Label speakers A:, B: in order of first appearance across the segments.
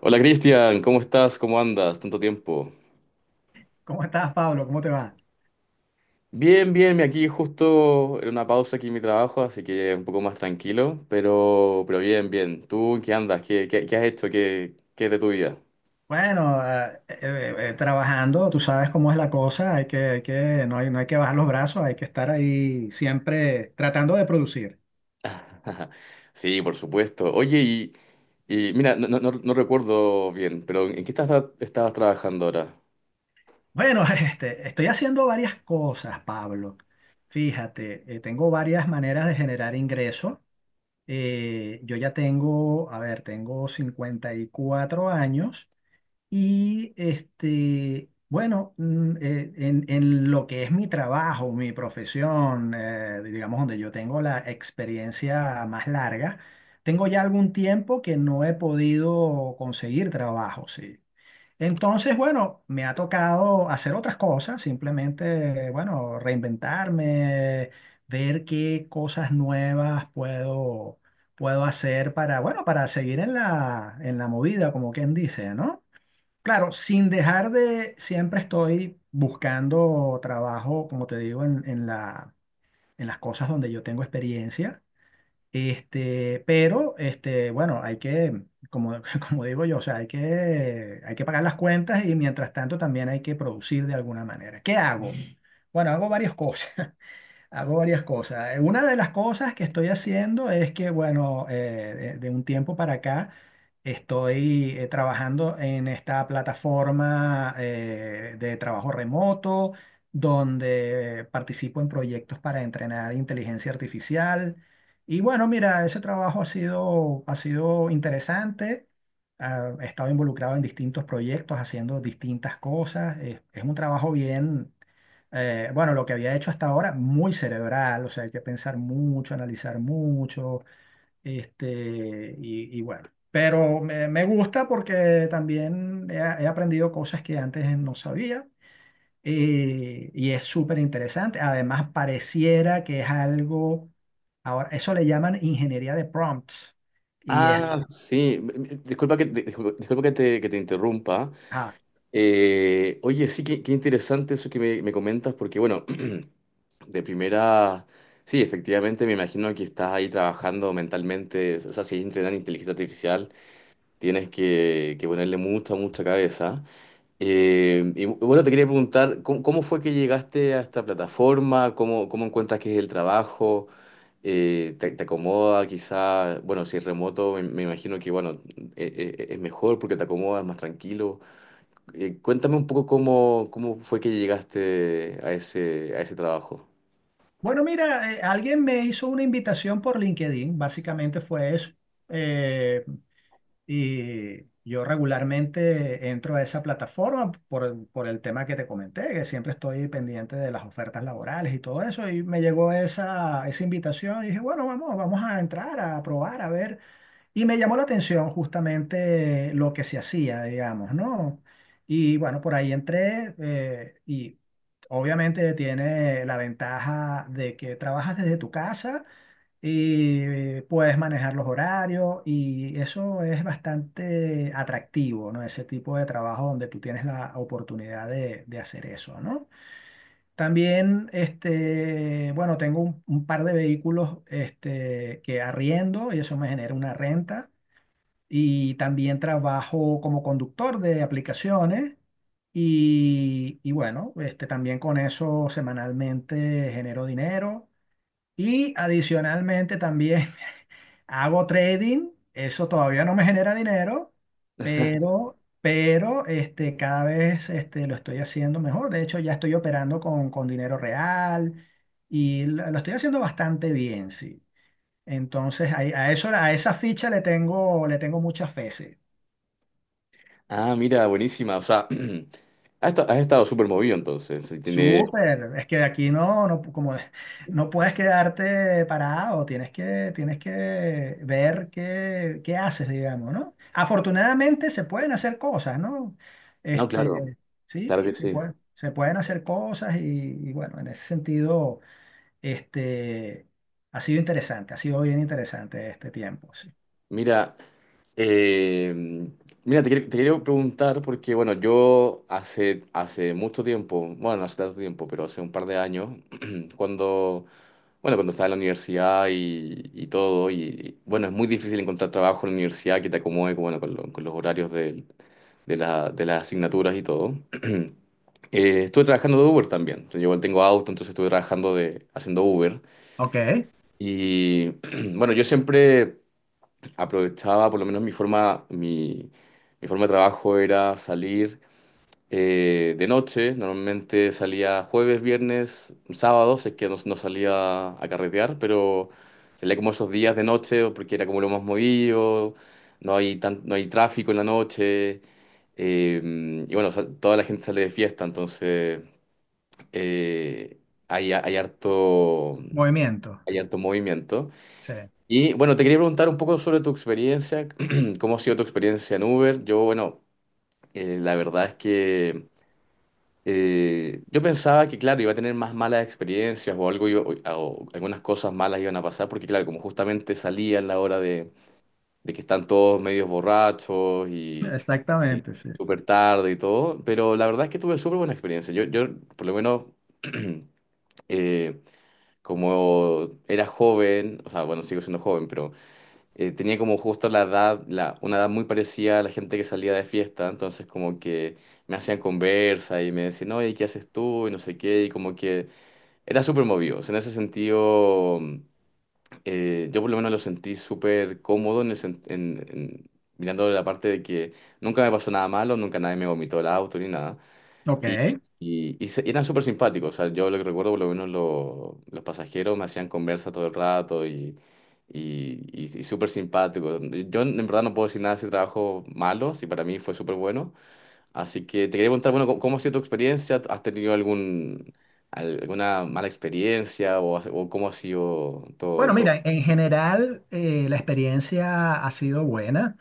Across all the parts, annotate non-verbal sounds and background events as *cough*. A: Hola Cristian, ¿cómo estás? ¿Cómo andas? Tanto tiempo.
B: ¿Cómo estás, Pablo? ¿Cómo te va?
A: Bien, bien, aquí justo en una pausa aquí en mi trabajo, así que un poco más tranquilo, pero bien, bien. ¿Tú en qué andas? ¿Qué has hecho? ¿Qué es de tu vida?
B: Bueno, trabajando, tú sabes cómo es la cosa, hay que, no hay, no hay que bajar los brazos, hay que estar ahí siempre tratando de producir.
A: *laughs* Sí, por supuesto. Oye, mira, no, recuerdo bien, pero ¿en qué estabas trabajando ahora?
B: Bueno, *laughs* este, estoy haciendo varias cosas, Pablo. Fíjate, tengo varias maneras de generar ingreso. Yo ya tengo, a ver, tengo 54 años. Y este, bueno, en lo que es mi trabajo, mi profesión, digamos donde yo tengo la experiencia más larga, tengo ya algún tiempo que no he podido conseguir trabajo, sí. Entonces, bueno, me ha tocado hacer otras cosas, simplemente, bueno, reinventarme, ver qué cosas nuevas puedo hacer para, bueno, para seguir en en la movida, como quien dice, ¿no? Claro, sin dejar de, siempre estoy buscando trabajo, como te digo, en las cosas donde yo tengo experiencia. Este, pero, este, bueno, hay que, como, *laughs* como digo yo, o sea, hay que pagar las cuentas y mientras tanto también hay que producir de alguna manera. ¿Qué hago? Bueno, hago varias cosas. Hago varias cosas. Una de las cosas que estoy haciendo es que, bueno, de un tiempo para acá estoy trabajando en esta plataforma de trabajo remoto, donde participo en proyectos para entrenar inteligencia artificial. Y bueno, mira, ese trabajo ha sido interesante. Ah, he estado involucrado en distintos proyectos, haciendo distintas cosas. Es un trabajo bien bueno, lo que había hecho hasta ahora, muy cerebral, o sea, hay que pensar mucho, analizar mucho, este, y bueno, pero me gusta porque también he aprendido cosas que antes no sabía, y es súper interesante. Además, pareciera que es algo, ahora, eso le llaman ingeniería de prompts y es...
A: Ah, sí. Disculpa que, disculpa que te interrumpa.
B: Ah,
A: Oye, sí, qué interesante eso que me comentas, porque bueno, *clears throat* de primera, sí, efectivamente me imagino que estás ahí trabajando mentalmente, o sea, si es entrenar inteligencia artificial, tienes que ponerle mucha cabeza. Y bueno, te quería preguntar, ¿cómo fue que llegaste a esta plataforma? ¿Cómo encuentras que es el trabajo? Te acomoda quizá? Bueno, si es remoto, me imagino que, bueno, es mejor porque te acomoda, es más tranquilo. Cuéntame un poco cómo fue que llegaste a ese trabajo.
B: bueno, mira, alguien me hizo una invitación por LinkedIn, básicamente fue eso. Eh, Y yo regularmente entro a esa plataforma por, por el tema que te comenté, que siempre estoy pendiente de las ofertas laborales y todo eso. Y me llegó esa invitación y dije, bueno, vamos a entrar, a probar, a ver. Y me llamó la atención justamente lo que se hacía, digamos, ¿no? Y bueno, por ahí entré, y obviamente tiene la ventaja de que trabajas desde tu casa y puedes manejar los horarios y eso es bastante atractivo, ¿no? Ese tipo de trabajo donde tú tienes la oportunidad de hacer eso, ¿no? También, este, bueno, tengo un par de vehículos, este, que arriendo y eso me genera una renta, y también trabajo como conductor de aplicaciones. Y bueno, este, también con eso semanalmente genero dinero. Y adicionalmente también *laughs* hago trading, eso todavía no me genera dinero,
A: *laughs*
B: pero este, cada vez este, lo estoy haciendo mejor. De hecho, ya estoy operando con dinero real y lo estoy haciendo bastante bien, sí. Entonces, a esa ficha le tengo mucha fe, sí.
A: Ah, mira, buenísima. O sea, *clears throat* has estado súper movido entonces. Si tiene...
B: Súper, es que aquí no, como no puedes quedarte parado, tienes que ver qué, qué haces, digamos, ¿no? Afortunadamente se pueden hacer cosas, ¿no?
A: No, claro,
B: Este, sí,
A: claro que sí.
B: se pueden hacer cosas, y bueno, en ese sentido, este, ha sido interesante, ha sido bien interesante este tiempo, sí.
A: Mira, eh, Mira, te quiero preguntar porque, bueno, yo hace mucho tiempo, bueno, no hace tanto tiempo, pero hace un par de años, *clears throat* cuando, bueno, cuando estaba en la universidad y todo, y, bueno, es muy difícil encontrar trabajo en la universidad que te acomode, bueno, con los horarios de las asignaturas y todo. *clears throat* Estuve trabajando de Uber también. Yo igual tengo auto, entonces estuve trabajando de, haciendo Uber.
B: Ok,
A: Y *clears throat* bueno, yo siempre aprovechaba, por lo menos mi forma de trabajo era salir de noche, normalmente salía jueves, viernes, sábados, es que no salía a carretear, pero salía como esos días de noche o porque era como lo más movido, no hay tráfico en la noche, eh, y bueno, toda la gente sale de fiesta, entonces eh, hay
B: movimiento.
A: hay harto movimiento.
B: Sí,
A: Y bueno, te quería preguntar un poco sobre tu experiencia, *clears throat* cómo ha sido tu experiencia en Uber. Yo, bueno, la verdad es que... Yo pensaba que, claro, iba a tener más malas experiencias o algo, o algunas cosas malas iban a pasar, porque, claro, como justamente salía en la hora de que están todos medios borrachos y
B: exactamente, sí.
A: súper tarde y todo, pero la verdad es que tuve súper buena experiencia. Yo, por lo menos, *clears throat* eh, como era joven, o sea, bueno, sigo siendo joven, tenía como justo una edad muy parecida a la gente que salía de fiesta, entonces como que me hacían conversa y me decían, oye, ¿qué haces tú? Y no sé qué, y como que era súper movido. O sea, en ese sentido, yo por lo menos lo sentí súper cómodo en el sen- en- mirando la parte de que nunca me pasó nada malo, nunca nadie me vomitó el auto ni nada. Y,
B: Ok.
A: eran súper simpáticos. O sea, yo lo que recuerdo, por lo menos los pasajeros me hacían conversa todo el rato y súper simpáticos. Yo en verdad no puedo decir nada de ese trabajo malo, si para mí fue súper bueno. Así que te quería preguntar, bueno, ¿cómo ha sido tu experiencia? ¿Has tenido algún, alguna mala experiencia o, o cómo ha sido
B: Bueno,
A: todo?
B: mira, en general, la experiencia ha sido buena.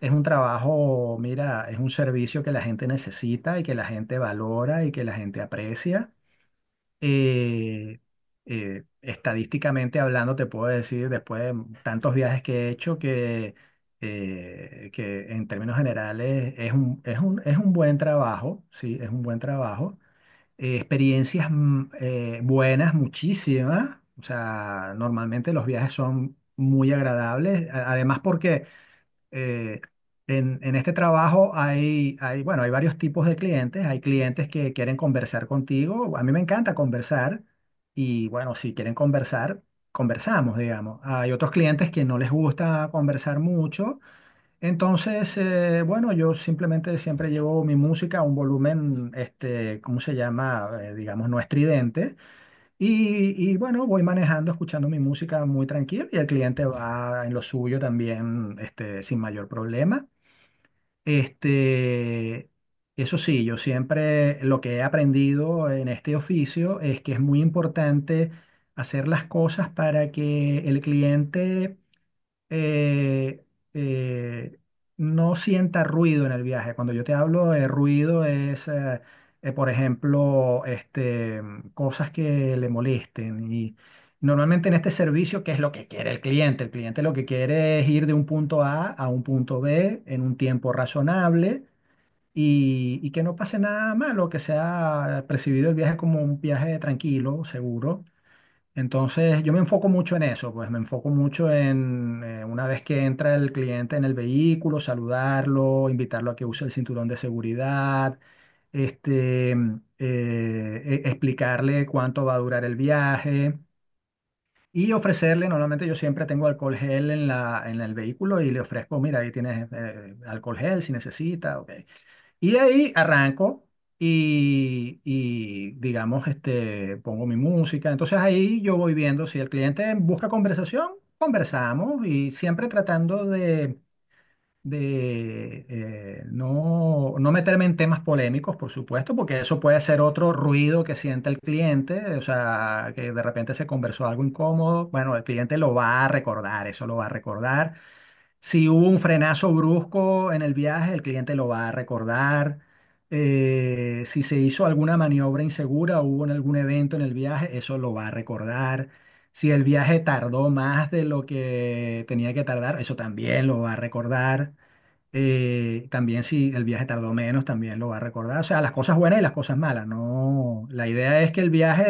B: Es un trabajo, mira, es un servicio que la gente necesita y que la gente valora y que la gente aprecia. Eh, estadísticamente hablando, te puedo decir, después de tantos viajes que he hecho, que en términos generales es un buen trabajo, sí, es un buen trabajo, experiencias buenas, muchísimas. O sea, normalmente los viajes son muy agradables. Además, porque eh, en este trabajo hay, bueno, hay varios tipos de clientes. Hay clientes que quieren conversar contigo. A mí me encanta conversar. Y bueno, si quieren conversar, conversamos, digamos. Hay otros clientes que no les gusta conversar mucho, entonces, bueno, yo simplemente siempre llevo mi música a un volumen, este, ¿cómo se llama? Digamos, no estridente. Y bueno, voy manejando, escuchando mi música muy tranquilo y el cliente va en lo suyo también, este, sin mayor problema. Este, eso sí, yo siempre lo que he aprendido en este oficio es que es muy importante hacer las cosas para que el cliente eh, eh, no sienta ruido en el viaje. Cuando yo te hablo de ruido es, por ejemplo, este, cosas que le molesten. Y normalmente en este servicio, ¿qué es lo que quiere el cliente? El cliente lo que quiere es ir de un punto A a un punto B en un tiempo razonable. Y que no pase nada malo, que sea percibido el viaje como un viaje tranquilo, seguro. Entonces, yo me enfoco mucho en eso, pues me enfoco mucho en una vez que entra el cliente en el vehículo, saludarlo, invitarlo a que use el cinturón de seguridad, este, explicarle cuánto va a durar el viaje y ofrecerle, normalmente yo siempre tengo alcohol gel en el vehículo y le ofrezco, mira, ahí tienes alcohol gel si necesita, ok. Y de ahí arranco y, digamos, este, pongo mi música. Entonces ahí yo voy viendo si el cliente busca conversación, conversamos y siempre tratando de, no meterme en temas polémicos, por supuesto, porque eso puede ser otro ruido que sienta el cliente, o sea, que de repente se conversó algo incómodo. Bueno, el cliente lo va a recordar, eso lo va a recordar. Si hubo un frenazo brusco en el viaje, el cliente lo va a recordar. Si se hizo alguna maniobra insegura, hubo en algún evento en el viaje, eso lo va a recordar. Si el viaje tardó más de lo que tenía que tardar, eso también lo va a recordar. También si el viaje tardó menos, también lo va a recordar. O sea, las cosas buenas y las cosas malas. No, la idea es que el viaje,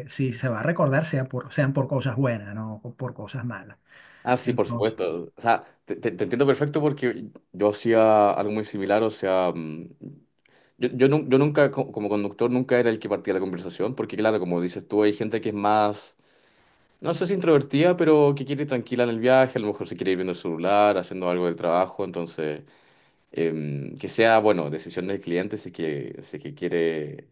B: si se va a recordar, sea por, sean por cosas buenas, no por cosas malas.
A: Ah, sí, por supuesto. O sea, te entiendo perfecto porque yo hacía algo muy similar. O sea, mm, yo nunca, como conductor, nunca era el que partía la conversación, porque claro, como dices tú, hay gente que es más, no sé si introvertida, pero que quiere ir tranquila en el viaje, a lo mejor se quiere ir viendo el celular, haciendo algo del trabajo, entonces, que sea, bueno, decisión del cliente si es que quiere,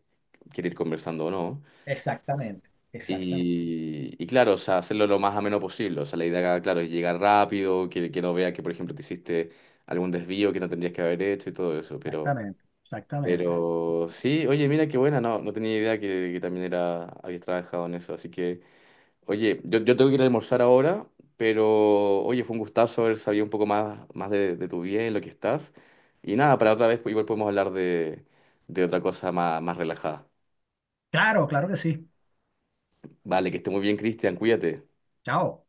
A: quiere ir conversando o no.
B: Exactamente, exactamente,
A: Y claro, o sea, hacerlo lo más ameno posible, o sea, la idea, claro, es llegar rápido, que no vea que, por ejemplo, te hiciste algún desvío que no tendrías que haber hecho y todo eso, pero...
B: exactamente, exactamente.
A: Pero sí, oye, mira qué buena, no tenía idea que también era, habías trabajado en eso, así que, oye, yo tengo que ir a almorzar ahora, pero oye, fue un gustazo haber sabido un poco más, más de tu vida y lo que estás. Y nada, para otra vez pues, igual podemos hablar de otra cosa más, más relajada.
B: Claro, claro que sí.
A: Vale, que esté muy bien, Cristian, cuídate.
B: Chao.